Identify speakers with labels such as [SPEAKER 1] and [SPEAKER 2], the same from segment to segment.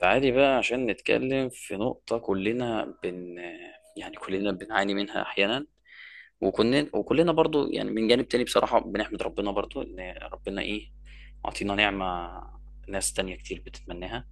[SPEAKER 1] تعالي بقى عشان نتكلم في نقطة كلنا بن يعني كلنا بنعاني منها أحيانا. وكلنا برضو يعني من جانب تاني بصراحة بنحمد ربنا برضو إن ربنا أعطينا نعمة ناس تانية كتير بتتمناها.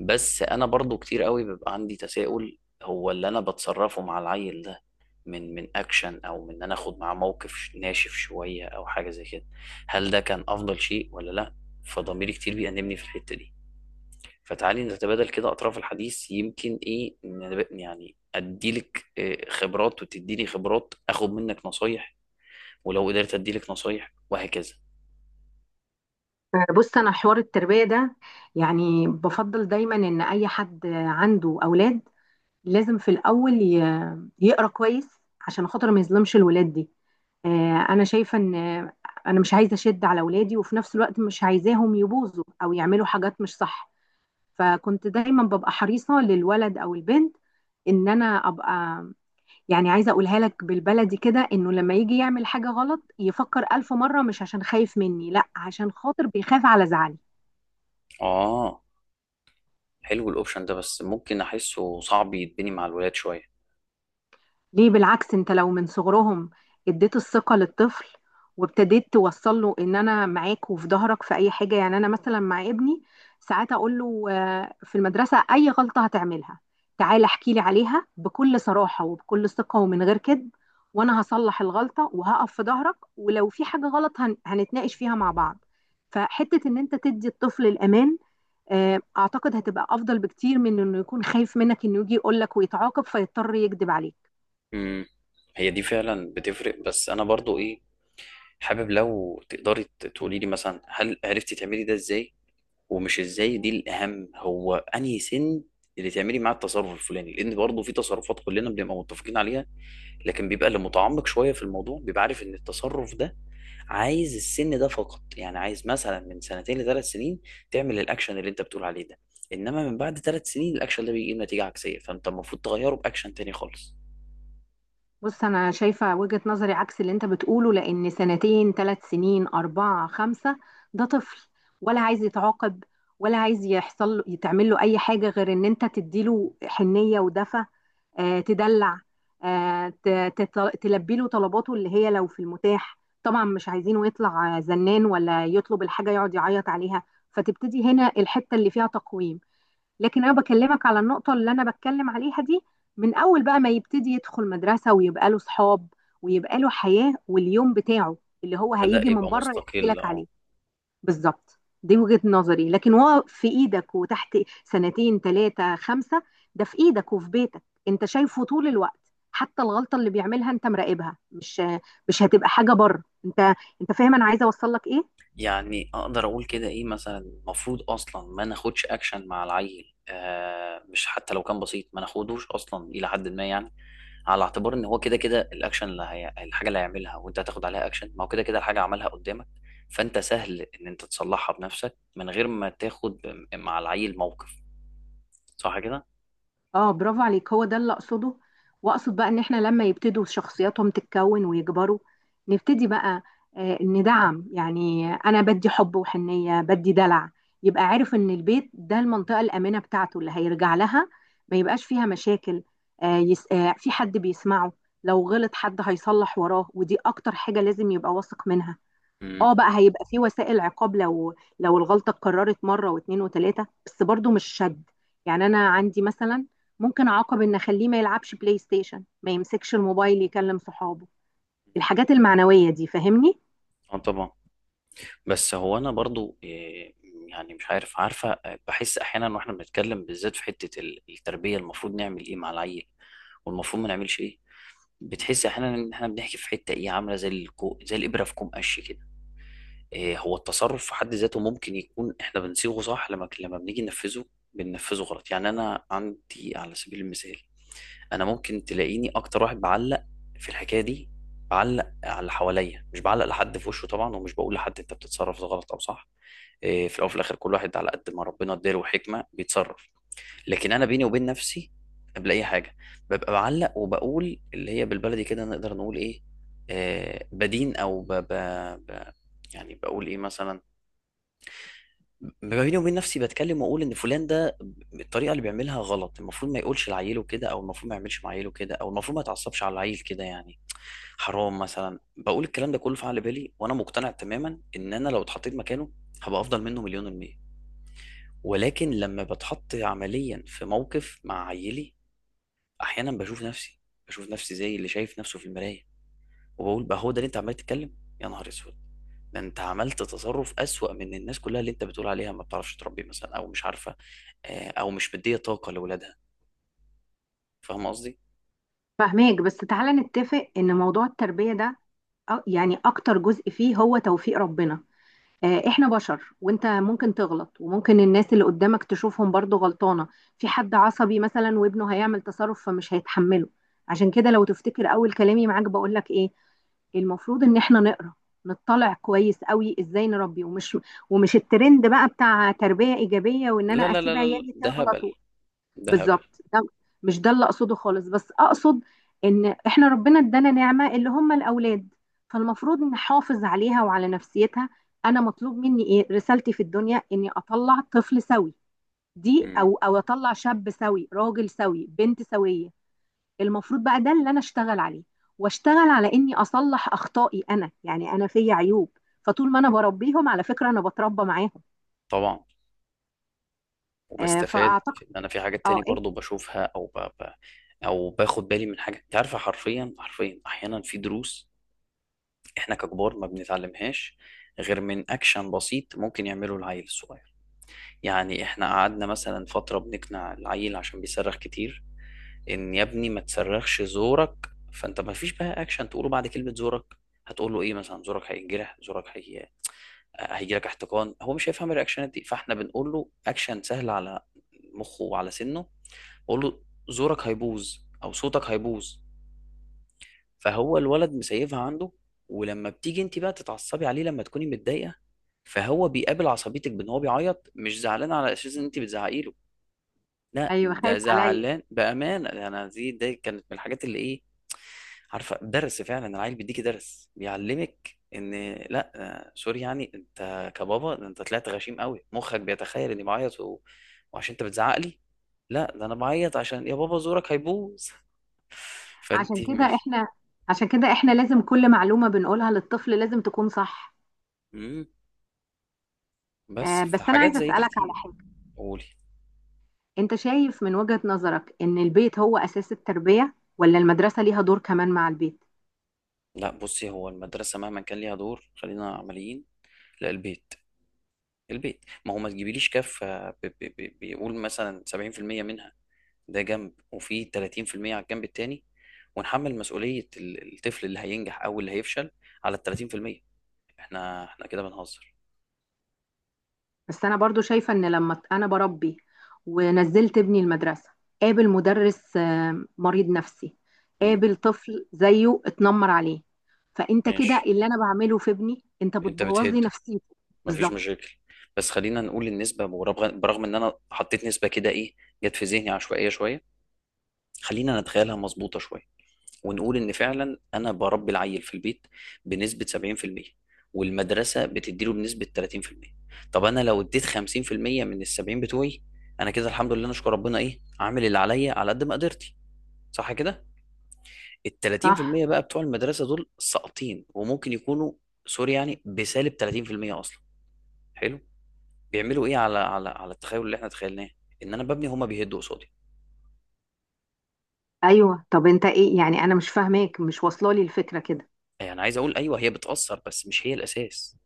[SPEAKER 1] بس أنا برضو كتير قوي بيبقى عندي تساؤل، هو اللي أنا بتصرفه مع العيل ده من أكشن أو من إن أنا آخد معاه موقف ناشف شوية أو حاجة زي كده، هل ده كان أفضل شيء ولا لأ؟ فضميري كتير بيأنبني في الحتة دي. فتعالي نتبادل كده أطراف الحديث، يمكن إيه نب- يعني أديلك خبرات وتديني خبرات، أخد منك نصايح، ولو قدرت أديلك نصايح وهكذا.
[SPEAKER 2] بص، انا حوار التربيه ده، يعني بفضل دايما ان اي حد عنده اولاد لازم في الاول يقرا كويس عشان خاطر ما يظلمش الولاد دي. انا شايفه ان انا مش عايزه اشد على اولادي، وفي نفس الوقت مش عايزاهم يبوظوا او يعملوا حاجات مش صح. فكنت دايما ببقى حريصه للولد او البنت ان انا ابقى، يعني عايزه اقولها لك بالبلدي كده انه لما يجي يعمل حاجه غلط يفكر الف مره، مش عشان خايف مني، لا، عشان خاطر بيخاف على زعلي.
[SPEAKER 1] آه، حلو الأوبشن ده، بس ممكن أحسه صعب يتبني مع الولاد شوية.
[SPEAKER 2] ليه؟ بالعكس، انت لو من صغرهم اديت الثقة للطفل وابتديت توصل له ان انا معاك وفي ظهرك في اي حاجة. يعني انا مثلا مع ابني ساعات اقول له، في المدرسة اي غلطة هتعملها تعال احكي لي عليها بكل صراحة وبكل ثقة ومن غير كذب، وانا هصلح الغلطة وهقف في ظهرك، ولو في حاجة غلط هنتناقش فيها مع بعض. فحتة ان انت تدي الطفل الامان، اعتقد هتبقى افضل بكتير من انه يكون خايف منك انه يجي يقولك ويتعاقب فيضطر يكذب عليك.
[SPEAKER 1] امم هي دي فعلا بتفرق، بس أنا برضو حابب لو تقدري تقولي لي مثلا هل عرفتي تعملي ده إزاي؟ ومش ازاي دي الاهم، هو انهي سن اللي تعملي معاه التصرف الفلاني، لان برضه في تصرفات كلنا بنبقى متفقين عليها، لكن بيبقى اللي متعمق شويه في الموضوع بيبقى عارف ان التصرف ده عايز السن ده فقط. يعني عايز مثلا من سنتين لثلاث سنين تعمل الاكشن اللي انت بتقول عليه ده، انما من بعد ثلاث سنين الاكشن ده بيجيب نتيجه عكسيه، فانت المفروض تغيره باكشن تاني خالص.
[SPEAKER 2] بص، أنا شايفة وجهة نظري عكس اللي أنت بتقوله، لأن سنتين 3 سنين أربعة خمسة ده طفل، ولا عايز يتعاقب ولا عايز يحصل له يتعمل له أي حاجة غير إن أنت تديله حنية ودفى، تدلع، تلبي له طلباته اللي هي لو في المتاح. طبعا مش عايزينه يطلع زنان ولا يطلب الحاجة يقعد يعيط عليها. فتبتدي هنا الحتة اللي فيها تقويم. لكن انا بكلمك على النقطه اللي انا بتكلم عليها دي، من اول بقى ما يبتدي يدخل مدرسه ويبقى له صحاب ويبقى له حياه واليوم بتاعه اللي هو
[SPEAKER 1] بدأ
[SPEAKER 2] هيجي من
[SPEAKER 1] يبقى
[SPEAKER 2] بره يحكي
[SPEAKER 1] مستقل،
[SPEAKER 2] لك
[SPEAKER 1] اه.
[SPEAKER 2] عليه. بالظبط دي وجهه نظري. لكن هو في ايدك وتحت سنتين ثلاثه خمسه ده في ايدك وفي بيتك، انت شايفه طول الوقت، حتى الغلطه اللي بيعملها انت مراقبها، مش هتبقى حاجه بره انت. انت فاهم انا عايزه اوصل لك ايه؟
[SPEAKER 1] يعني اقدر اقول كده ايه مثلا، المفروض اصلا ما ناخدش اكشن مع العيل، مش حتى لو كان بسيط، ما ناخدوش اصلا الى حد ما يعني، على اعتبار ان هو كده كده الاكشن الحاجه اللي هيعملها وانت هتاخد عليها اكشن، ما هو كده كده الحاجه عملها قدامك، فانت سهل ان انت تصلحها بنفسك من غير ما تاخد مع العيل موقف. صح كده؟
[SPEAKER 2] اه، برافو عليك، هو ده اللي اقصده. واقصد بقى ان احنا لما يبتدوا شخصياتهم تتكون ويكبروا نبتدي بقى ندعم. يعني انا بدي حب وحنية بدي دلع، يبقى عارف ان البيت ده المنطقة الآمنة بتاعته اللي هيرجع لها، ما يبقاش فيها مشاكل، يس، في حد بيسمعه، لو غلط حد هيصلح وراه، ودي اكتر حاجة لازم يبقى واثق منها.
[SPEAKER 1] مم.
[SPEAKER 2] اه بقى هيبقى في وسائل عقاب لو الغلطة اتكررت مرة واتنين وتلاتة، بس برضو مش شد. يعني انا عندي مثلا، ممكن اعاقب ان اخليه ما يلعبش بلاي ستيشن، ما يمسكش الموبايل يكلم صحابه، الحاجات المعنوية دي، فاهمني؟
[SPEAKER 1] اه طبعا. بس هو انا برضو يعني مش عارف، عارفه آه، بحس احيانا واحنا بنتكلم بالذات في حته التربيه، المفروض نعمل ايه مع العيل والمفروض ما نعملش ايه، بتحس احيانا ان احنا بنحكي في حته عامله زي الكو زي الابره في كوم قش كده. إيه هو التصرف في حد ذاته ممكن يكون احنا بنصيغه صح لما بنيجي ننفذه، بننفذه غلط. يعني انا عندي على سبيل المثال، انا ممكن تلاقيني اكتر واحد بعلق في الحكايه دي، بعلق على اللي حواليا مش بعلق لحد في وشه طبعا، ومش بقول لحد انت بتتصرف ده غلط او صح. إيه، في الاول وفي الاخر كل واحد على قد ما ربنا اداله حكمه بيتصرف، لكن انا بيني وبين نفسي قبل اي حاجه ببقى بعلق، وبقول اللي هي بالبلدي كده نقدر نقول ايه، آه بدين او ب ب ب يعني بقول ايه مثلا، ببقى بيني وبين نفسي بتكلم واقول ان فلان ده الطريقه اللي بيعملها غلط، المفروض ما يقولش لعيله كده، او المفروض ما يعملش مع عيله كده، او المفروض ما يتعصبش على العيل كده، يعني حرام مثلا. بقول الكلام ده كله في عقل بالي، وانا مقتنع تماما ان انا لو اتحطيت مكانه هبقى افضل منه مليون المية، ولكن لما بتحط عمليا في موقف مع عيلي، احيانا بشوف نفسي، بشوف نفسي زي اللي شايف نفسه في المرايه، وبقول بقى هو ده اللي انت عمال تتكلم؟ يا نهار اسود، ده انت عملت تصرف اسوأ من الناس كلها اللي انت بتقول عليها ما بتعرفش تربي مثلا، او مش عارفه او مش مديه طاقه لاولادها. فاهم قصدي؟
[SPEAKER 2] فاهماك. بس تعالى نتفق ان موضوع التربية ده يعني اكتر جزء فيه هو توفيق ربنا. احنا بشر وانت ممكن تغلط، وممكن الناس اللي قدامك تشوفهم برضو غلطانة، في حد عصبي مثلا وابنه هيعمل تصرف فمش هيتحمله. عشان كده لو تفتكر اول كلامي معاك بقولك ايه؟ المفروض ان احنا نقرا، نطلع كويس قوي ازاي نربي، ومش الترند بقى بتاع تربية ايجابية وان انا
[SPEAKER 1] لا لا لا
[SPEAKER 2] اسيب
[SPEAKER 1] لا لا،
[SPEAKER 2] عيالي
[SPEAKER 1] ده هبل.
[SPEAKER 2] تغلط.
[SPEAKER 1] ده هبل.
[SPEAKER 2] بالظبط ده، مش ده اللي اقصده خالص، بس اقصد ان احنا ربنا ادانا نعمه اللي هم الاولاد، فالمفروض نحافظ عليها وعلى نفسيتها. انا مطلوب مني ايه؟ رسالتي في الدنيا اني اطلع طفل سوي، دي
[SPEAKER 1] مم.
[SPEAKER 2] او اطلع شاب سوي راجل سوي بنت سويه. المفروض بقى ده اللي انا اشتغل عليه، واشتغل على اني اصلح اخطائي. انا يعني انا فيا عيوب، فطول ما انا بربيهم، على فكره، انا بتربى معاهم.
[SPEAKER 1] طبعا. وبستفاد
[SPEAKER 2] فاعتقد.
[SPEAKER 1] ان انا في حاجات
[SPEAKER 2] اه،
[SPEAKER 1] تاني
[SPEAKER 2] إيه؟
[SPEAKER 1] برضو بشوفها او باخد بالي من حاجه. انت عارفه حرفيا حرفيا احيانا في دروس احنا ككبار ما بنتعلمهاش غير من اكشن بسيط ممكن يعمله العيل الصغير. يعني احنا قعدنا مثلا فترة بنقنع العيل عشان بيصرخ كتير ان يا ابني ما تصرخش زورك، فانت ما فيش بقى اكشن تقوله بعد كلمة زورك. هتقول له ايه مثلا، زورك هينجرح، هيجي لك احتقان؟ هو مش هيفهم الرياكشنات دي. فاحنا بنقول له اكشن سهل على مخه وعلى سنه، بقول له زورك هيبوظ او صوتك هيبوظ، فهو الولد مسيفها عنده. ولما بتيجي انت بقى تتعصبي عليه لما تكوني متضايقه، فهو بيقابل عصبيتك بان هو بيعيط، مش زعلان على اساس ان انت بتزعقي له، لا
[SPEAKER 2] ايوه،
[SPEAKER 1] ده
[SPEAKER 2] خايف عليا.
[SPEAKER 1] زعلان بامانه. انا دي كانت من الحاجات اللي ايه، عارفه، درس فعلا. العيل بيديكي درس بيعلمك ان لا سوري يعني انت كبابا، ده انت طلعت غشيم قوي، مخك بيتخيل اني بعيط وعشان انت بتزعق لي، لا ده انا بعيط عشان يا بابا زورك هيبوظ. فانت
[SPEAKER 2] عشان كده
[SPEAKER 1] مش...
[SPEAKER 2] احنا عشان كده احنا لازم كل معلومة بنقولها للطفل لازم تكون صح.
[SPEAKER 1] مم. بس في
[SPEAKER 2] بس انا
[SPEAKER 1] حاجات
[SPEAKER 2] عايزة
[SPEAKER 1] زي دي
[SPEAKER 2] اسألك على
[SPEAKER 1] كتير.
[SPEAKER 2] حاجة.
[SPEAKER 1] قولي.
[SPEAKER 2] انت شايف من وجهة نظرك ان البيت هو اساس التربية، ولا المدرسة ليها دور كمان مع البيت؟
[SPEAKER 1] لا بصي، هو المدرسة مهما كان ليها دور خلينا عمليين، لا البيت، البيت، ما هو ما تجيبيليش كفة بيقول مثلا 70% منها ده جنب، وفي 30% على الجنب التاني، ونحمل مسؤولية الطفل اللي هينجح أو اللي هيفشل على ال 30%، احنا كده بنهزر.
[SPEAKER 2] بس انا برضو شايفة ان لما انا بربي ونزلت ابني المدرسة، قابل مدرس مريض نفسي،
[SPEAKER 1] مم.
[SPEAKER 2] قابل طفل زيه اتنمر عليه، فانت كده
[SPEAKER 1] ماشي.
[SPEAKER 2] اللي انا بعمله في ابني انت
[SPEAKER 1] انت
[SPEAKER 2] بتبوظ لي
[SPEAKER 1] بتهد.
[SPEAKER 2] نفسيته.
[SPEAKER 1] مفيش
[SPEAKER 2] بالظبط.
[SPEAKER 1] مشاكل. بس خلينا نقول النسبة، برغم ان انا حطيت نسبة كده جت في ذهني عشوائية شوية، خلينا نتخيلها مظبوطة شوية. ونقول ان فعلا انا بربي العيل في البيت بنسبة 70%، والمدرسة بتديله بنسبة 30%. طب انا لو اديت 50% من ال 70 بتوعي، انا كده الحمد لله نشكر ربنا عامل اللي عليا على قد ما قدرتي، صح كده؟ ال
[SPEAKER 2] صح.
[SPEAKER 1] 30% بقى بتوع المدرسة دول ساقطين، وممكن يكونوا سوري يعني بسالب 30% اصلا. حلو. بيعملوا ايه على على على التخيل اللي احنا تخيلناه ان انا ببني، هما بيهدوا قصادي.
[SPEAKER 2] ايوه، طب انت ايه يعني؟ انا مش فاهماك، مش واصله لي الفكره كده.
[SPEAKER 1] يعني عايز اقول ايوه هي بتأثر، بس مش هي الاساس،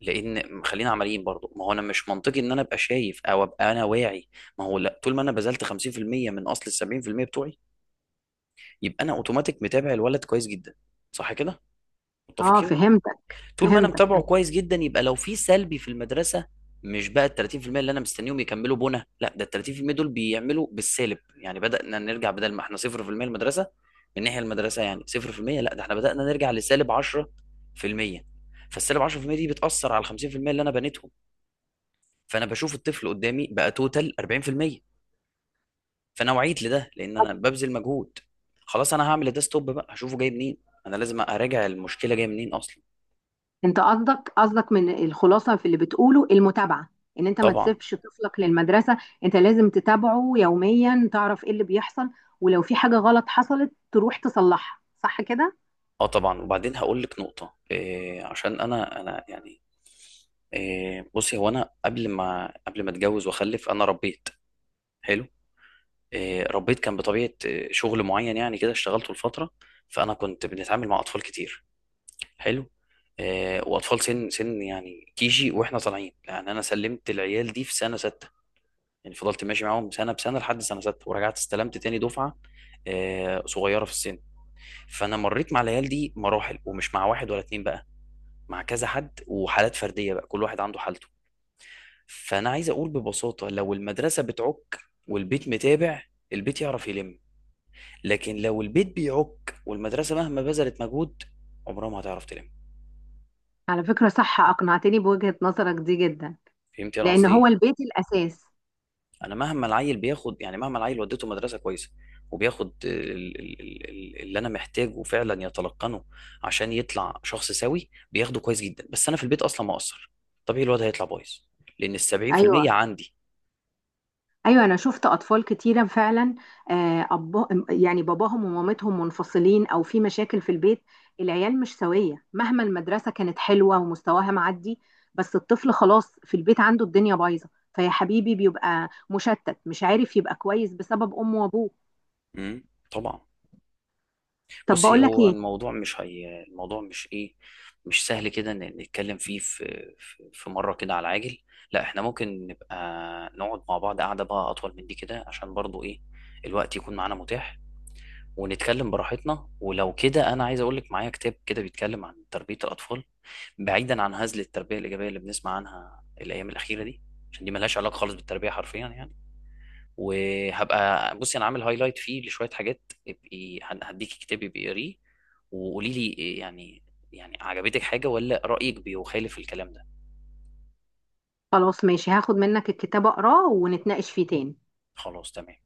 [SPEAKER 1] لان خلينا عمليين برضو، ما هو انا مش منطقي ان انا ابقى شايف، او ابقى انا واعي. ما هو لا، طول ما انا بذلت 50% من اصل ال 70% بتوعي، يبقى انا اوتوماتيك متابع الولد كويس جدا، صح كده؟
[SPEAKER 2] اه،
[SPEAKER 1] متفقين.
[SPEAKER 2] فهمتك
[SPEAKER 1] طول ما انا
[SPEAKER 2] فهمتك.
[SPEAKER 1] متابعه
[SPEAKER 2] ايوه،
[SPEAKER 1] كويس جدا يبقى لو في سلبي في المدرسه، مش بقى ال 30% اللي انا مستنيهم يكملوا بنا، لا ده ال 30% دول بيعملوا بالسالب، يعني بدانا نرجع. بدل ما احنا 0% المدرسه، من ناحيه المدرسه يعني 0%، لا ده احنا بدانا نرجع لسالب 10%. فالسالب 10% دي بتاثر على ال 50% اللي انا بنيتهم، فانا بشوف الطفل قدامي بقى توتال 40%. فانا وعيت لده لان انا ببذل مجهود، خلاص انا هعمل ده ستوب بقى. هشوفه جاي منين، انا لازم اراجع المشكله جايه منين اصلا.
[SPEAKER 2] انت قصدك قصدك من الخلاصه في اللي بتقوله المتابعه، ان انت ما
[SPEAKER 1] طبعا.
[SPEAKER 2] تسيبش طفلك للمدرسه، انت لازم تتابعه يوميا تعرف ايه اللي بيحصل، ولو في حاجه غلط حصلت تروح تصلحها، صح كده؟
[SPEAKER 1] اه طبعا. وبعدين هقول لك نقطه عشان انا يعني إيه، بصي هو انا قبل ما اتجوز واخلف انا ربيت. حلو. إيه، ربيت، كان بطبيعه شغل معين يعني كده اشتغلته لفتره، فانا كنت بنتعامل مع اطفال كتير. حلو. آه، واطفال سن يعني جي واحنا طالعين، يعني انا سلمت العيال دي في سنه سته، يعني فضلت ماشي معاهم سنه بسنه لحد سنه سته، ورجعت استلمت تاني دفعه صغيره في السن. فانا مريت مع العيال دي مراحل، ومش مع واحد ولا اتنين بقى، مع كذا حد وحالات فرديه بقى، كل واحد عنده حالته. فانا عايز اقول ببساطه لو المدرسه بتعك والبيت متابع، البيت يعرف يلم. لكن لو البيت بيعك والمدرسه مهما بذلت مجهود عمرها ما هتعرف تلم.
[SPEAKER 2] على فكره، صح، اقنعتني بوجهه نظرك دي جدا،
[SPEAKER 1] فهمت انا
[SPEAKER 2] لان
[SPEAKER 1] قصدي
[SPEAKER 2] هو
[SPEAKER 1] ايه؟
[SPEAKER 2] البيت الاساس.
[SPEAKER 1] انا مهما العيل بياخد، يعني مهما العيل وديته مدرسه كويسه وبياخد اللي انا محتاجه فعلا يتلقنه عشان يطلع شخص سوي، بياخده كويس جدا، بس انا في البيت اصلا ما اقصر، طبيعي الواد هيطلع بايظ، لان ال 70%
[SPEAKER 2] ايوه
[SPEAKER 1] عندي.
[SPEAKER 2] ايوه، انا شفت اطفال كتيره فعلا. يعني باباهم ومامتهم منفصلين او في مشاكل في البيت، العيال مش سويه، مهما المدرسه كانت حلوه ومستواها معدي، بس الطفل خلاص في البيت عنده الدنيا بايظه، فيا حبيبي بيبقى مشتت مش عارف يبقى كويس بسبب امه وابوه.
[SPEAKER 1] مم. طبعا.
[SPEAKER 2] طب
[SPEAKER 1] بصي
[SPEAKER 2] بقول لك
[SPEAKER 1] هو
[SPEAKER 2] ايه،
[SPEAKER 1] الموضوع مش هي، الموضوع مش ايه، مش سهل كده نتكلم فيه في مره كده على العاجل، لا احنا ممكن نبقى نقعد مع بعض قعده بقى اطول من دي كده، عشان برضو الوقت يكون معانا متاح ونتكلم براحتنا. ولو كده انا عايز اقول لك معايا كتاب كده بيتكلم عن تربيه الاطفال، بعيدا عن هزل التربيه الايجابيه اللي بنسمع عنها الايام الاخيره دي، عشان دي ملهاش علاقه خالص بالتربيه حرفيا يعني. وهبقى بصي انا عامل هايلايت فيه لشويه حاجات، ابقي هديكي كتابي بيقريه، وقولي لي يعني يعني عجبتك حاجه، ولا رايك بيخالف الكلام ده؟
[SPEAKER 2] خلاص ماشي، هاخد منك الكتاب اقراه ونتناقش فيه تاني.
[SPEAKER 1] خلاص تمام.